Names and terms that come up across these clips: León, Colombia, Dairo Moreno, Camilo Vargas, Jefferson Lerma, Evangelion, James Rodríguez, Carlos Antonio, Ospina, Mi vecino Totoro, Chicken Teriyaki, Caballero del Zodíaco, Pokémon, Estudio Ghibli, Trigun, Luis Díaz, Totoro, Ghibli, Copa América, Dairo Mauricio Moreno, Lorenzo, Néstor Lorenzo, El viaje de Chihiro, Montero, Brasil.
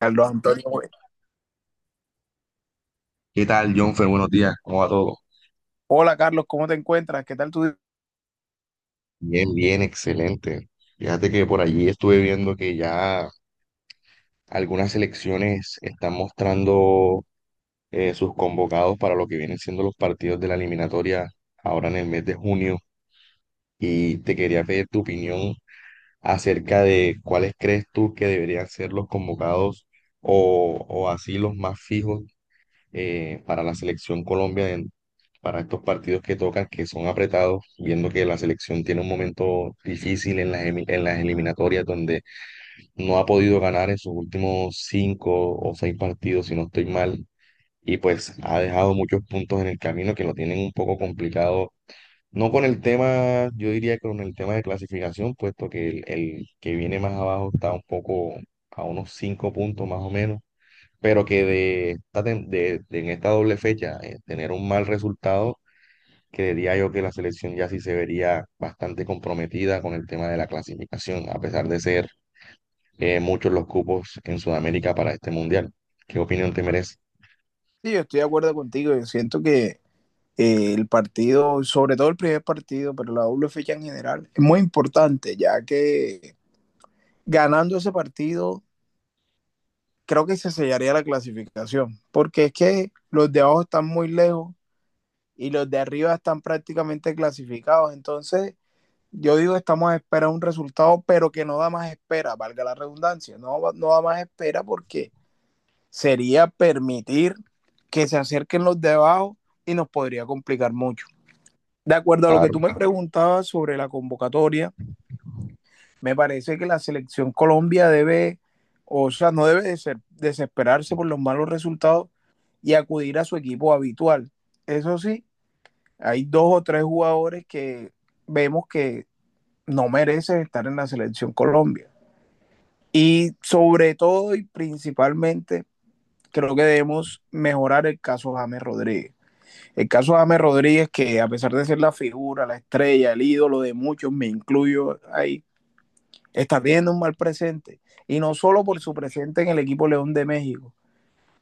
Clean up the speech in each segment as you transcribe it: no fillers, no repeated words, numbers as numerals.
Carlos Antonio. Güey. ¿Qué tal, Jonfer? Buenos días, ¿cómo va todo? Hola Carlos, ¿cómo te encuentras? ¿Qué tal tu día? Bien, excelente. Fíjate que por allí estuve viendo que ya algunas selecciones están mostrando sus convocados para lo que vienen siendo los partidos de la eliminatoria ahora en el mes de junio, y te quería pedir tu opinión acerca de cuáles crees tú que deberían ser los convocados o así los más fijos, para la selección Colombia para estos partidos que tocan, que son apretados, viendo que la selección tiene un momento difícil en en las eliminatorias donde no ha podido ganar en sus últimos cinco o seis partidos, si no estoy mal, y pues ha dejado muchos puntos en el camino que lo tienen un poco complicado. No con el tema, yo diría que con el tema de clasificación, puesto que el que viene más abajo está un poco a unos cinco puntos más o menos, pero que de en esta doble fecha, tener un mal resultado, creería yo que la selección ya sí se vería bastante comprometida con el tema de la clasificación, a pesar de ser, muchos los cupos en Sudamérica para este mundial. ¿Qué opinión te merece? Sí, yo estoy de acuerdo contigo. Yo siento que el partido, sobre todo el primer partido, pero la doble fecha en general, es muy importante, ya que ganando ese partido, creo que se sellaría la clasificación, porque es que los de abajo están muy lejos y los de arriba están prácticamente clasificados. Entonces, yo digo, estamos a esperar un resultado, pero que no da más espera, valga la redundancia, no, no da más espera porque sería permitir que se acerquen los de abajo y nos podría complicar mucho. De acuerdo a lo que Claro. tú me preguntabas sobre la convocatoria, me parece que la selección Colombia debe, o sea, no debe desesperarse por los malos resultados y acudir a su equipo habitual. Eso sí, hay dos o tres jugadores que vemos que no merecen estar en la selección Colombia. Y sobre todo y principalmente, creo que debemos mejorar el caso James Rodríguez. El caso de James Rodríguez, que a pesar de ser la figura, la estrella, el ídolo de muchos, me incluyo ahí, está teniendo un mal presente. Y no solo por su presente en el equipo León de México,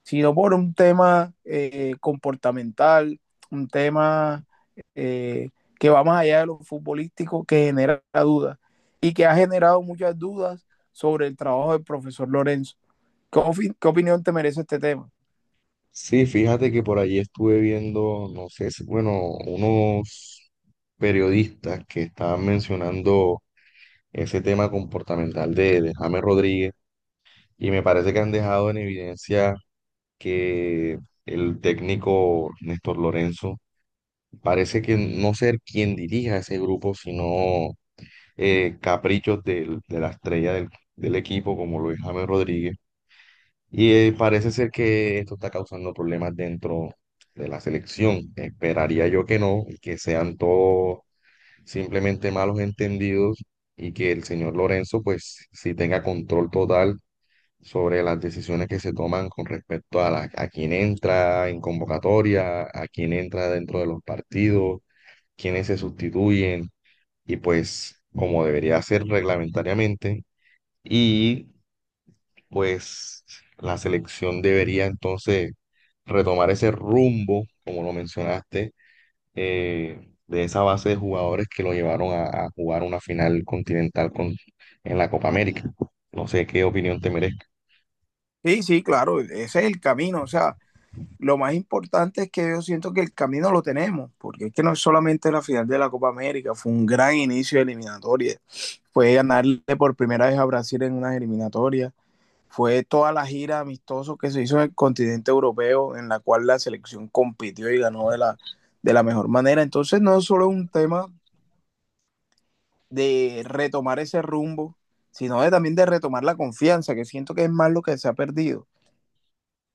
sino por un tema comportamental, un tema eh, que va más allá de lo futbolístico, que genera dudas y que ha generado muchas dudas sobre el trabajo del profesor Lorenzo. ¿ qué opinión te merece este tema? Sí, fíjate que por allí estuve viendo, no sé si, bueno, unos periodistas que estaban mencionando ese tema comportamental de James Rodríguez, y me parece que han dejado en evidencia que el técnico Néstor Lorenzo parece que no ser quien dirija ese grupo, sino caprichos de la estrella del, del equipo, como lo es James Rodríguez. Y parece ser que esto está causando problemas dentro de la selección. Esperaría yo que no, y que sean todos simplemente malos entendidos, y que el señor Lorenzo pues sí tenga control total sobre las decisiones que se toman con respecto a, la, a quién entra en convocatoria, a quién entra dentro de los partidos, quiénes se sustituyen, y pues como debería ser reglamentariamente, y pues la selección debería entonces retomar ese rumbo, como lo mencionaste, de esa base de jugadores que lo llevaron a jugar una final continental con, en la Copa América. No sé qué opinión te merezca. Sí, sí, claro, ese es el camino. O sea, lo más importante es que yo siento que el camino lo tenemos, porque es que no es solamente la final de la Copa América, fue un gran inicio de eliminatoria, fue ganarle por primera vez a Brasil en unas eliminatorias, fue toda la gira amistoso que se hizo en el continente europeo, en la cual la selección compitió y ganó de la mejor manera. Entonces no es solo un tema de retomar ese rumbo, sino de, también de retomar la confianza, que siento que es más lo que se ha perdido,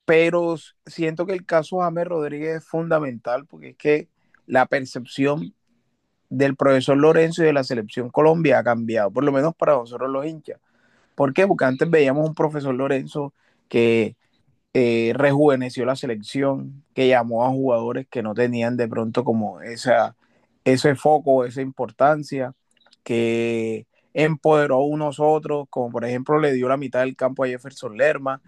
pero siento que el caso James Rodríguez es fundamental porque es que la percepción del profesor Lorenzo y de la selección Colombia ha cambiado, por lo menos para nosotros los hinchas. ¿Por qué? Porque antes veíamos un profesor Lorenzo que rejuveneció la selección, que llamó a jugadores que no tenían de pronto como esa, ese foco, esa importancia, que empoderó a unos otros, como por ejemplo le dio la mitad del campo a Jefferson Lerma,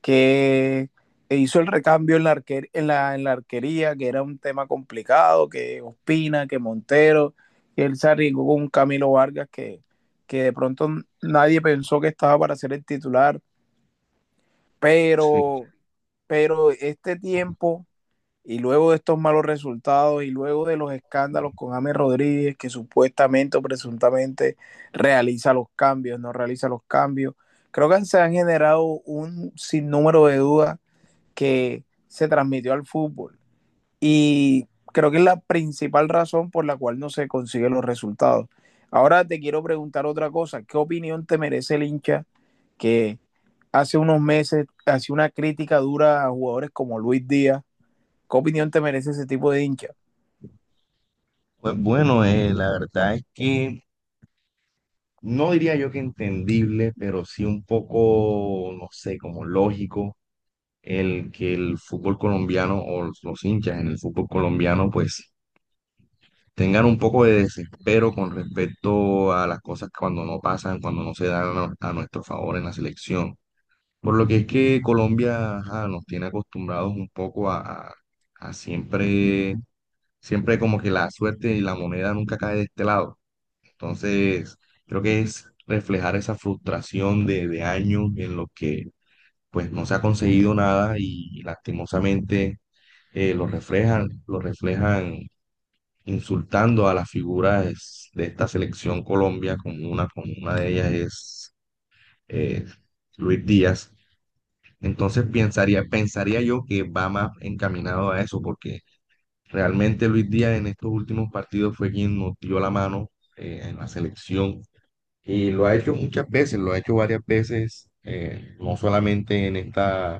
que hizo el recambio en la, arquer, en la arquería, que era un tema complicado, que Ospina, que Montero, que él se arriesgó con un Camilo Vargas que de pronto nadie pensó que estaba para ser el titular, pero, pero este tiempo y luego de estos malos resultados y luego de los escándalos con James Rodríguez, que supuestamente o presuntamente realiza los cambios, no realiza los cambios, creo que se han generado un sinnúmero de dudas que se transmitió al fútbol. Y creo que es la principal razón por la cual no se consiguen los resultados. Ahora te quiero preguntar otra cosa. ¿Qué opinión te merece el hincha que hace unos meses hacía una crítica dura a jugadores como Luis Díaz? ¿Qué opinión te merece ese tipo de hincha? Pues bueno, la verdad es que no diría yo que entendible, pero sí un poco, no sé, como lógico el que el fútbol colombiano o los hinchas en el fútbol colombiano pues tengan un poco de desespero con respecto a las cosas que cuando no pasan, cuando no se dan a nuestro favor en la selección. Por lo que es que Colombia, ajá, nos tiene acostumbrados un poco a, a siempre, siempre como que la suerte y la moneda nunca cae de este lado. Entonces, creo que es reflejar esa frustración de años en los que pues no se ha conseguido nada, y lastimosamente, lo reflejan insultando a las figuras de esta selección Colombia, como una de ellas es eh, Luis Díaz. Entonces pensaría yo que va más encaminado a eso, porque realmente Luis Díaz en estos últimos partidos fue quien nos dio la mano, en la selección. Y lo ha hecho muchas veces, lo ha hecho varias veces, no solamente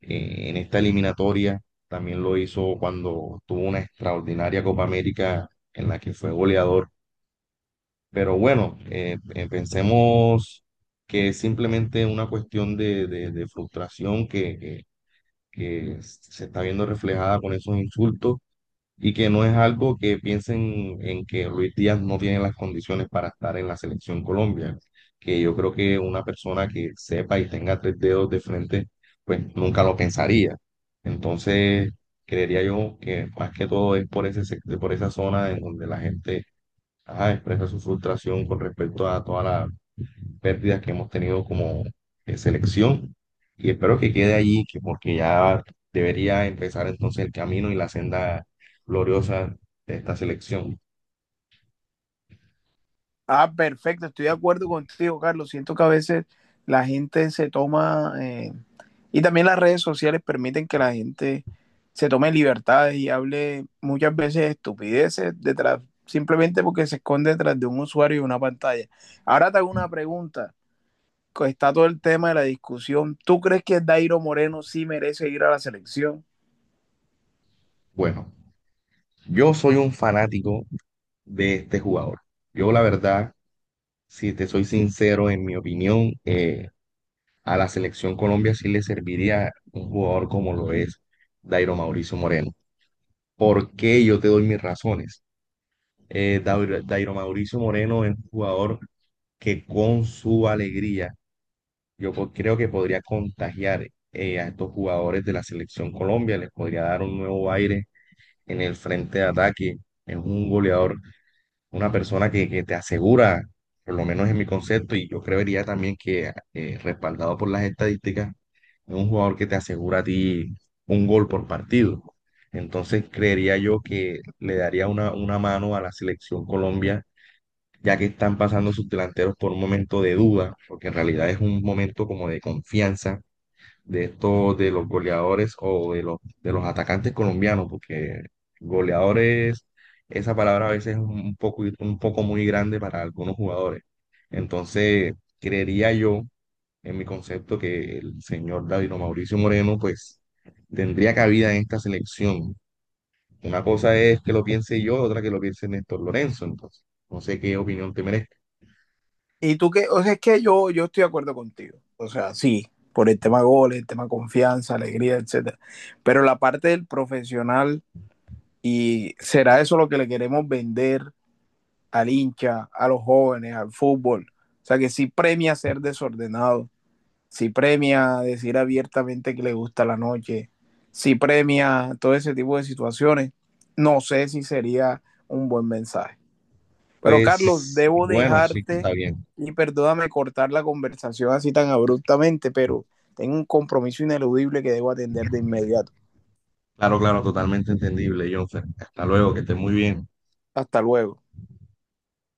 en esta eliminatoria, también lo hizo cuando tuvo una extraordinaria Copa América en la que fue goleador. Pero bueno, pensemos que es simplemente una cuestión de, de frustración que, que se está viendo reflejada con esos insultos, y que no es algo que piensen en que Luis Díaz no tiene las condiciones para estar en la selección Colombia, que yo creo que una persona que sepa y tenga tres dedos de frente, pues nunca lo pensaría. Entonces, creería yo que más que todo es por ese, por esa zona en donde la gente, ajá, expresa su frustración con respecto a toda la pérdidas que hemos tenido como, selección, y espero que quede allí, que porque ya debería empezar entonces el camino y la senda gloriosa de esta selección. Ah, perfecto, estoy de acuerdo contigo, Carlos. Siento que a veces la gente se toma, y también las redes sociales permiten que la gente se tome libertades y hable muchas veces estupideces detrás, simplemente porque se esconde detrás de un usuario y una pantalla. Ahora te hago una pregunta, que está todo el tema de la discusión. ¿Tú crees que Dairo Moreno sí merece ir a la selección? Bueno, yo soy un fanático de este jugador. Yo la verdad, si te soy sincero, en mi opinión, a la selección Colombia sí le serviría un jugador como lo es Dairo Mauricio Moreno. ¿Por qué yo te doy mis razones? Dairo Mauricio Moreno es un jugador que con su alegría yo creo que podría contagiar, a estos jugadores de la selección Colombia, les podría dar un nuevo aire en el frente de ataque. Es un goleador, una persona que te asegura, por lo menos en mi concepto, y yo creería también que, respaldado por las estadísticas, es un jugador que te asegura a ti un gol por partido. Entonces creería yo que le daría una mano a la selección Colombia, ya que están pasando sus delanteros por un momento de duda, porque en realidad es un momento como de confianza de estos, de los goleadores o de los atacantes colombianos, porque goleadores, esa palabra a veces es un poco muy grande para algunos jugadores. Entonces, creería yo, en mi concepto, que el señor David o Mauricio Moreno, pues, tendría cabida en esta selección. Una cosa es que lo piense yo, otra que lo piense Néstor Lorenzo, entonces. No sé qué opinión te merece. Y tú que, o sea, es que yo estoy de acuerdo contigo. O sea, sí, por el tema goles, el tema confianza, alegría, etcétera. Pero la parte del profesional, y será eso lo que le queremos vender al hincha, a los jóvenes, al fútbol. O sea, que sí premia ser desordenado, sí premia decir abiertamente que le gusta la noche, sí premia todo ese tipo de situaciones. No sé si sería un buen mensaje. Pero Carlos, Pues debo bueno, sí, está dejarte bien. y perdóname cortar la conversación así tan abruptamente, pero tengo un compromiso ineludible que debo atender de inmediato. Claro, claro, totalmente entendible, Jonfer. Hasta luego, que esté muy bien. Hasta luego.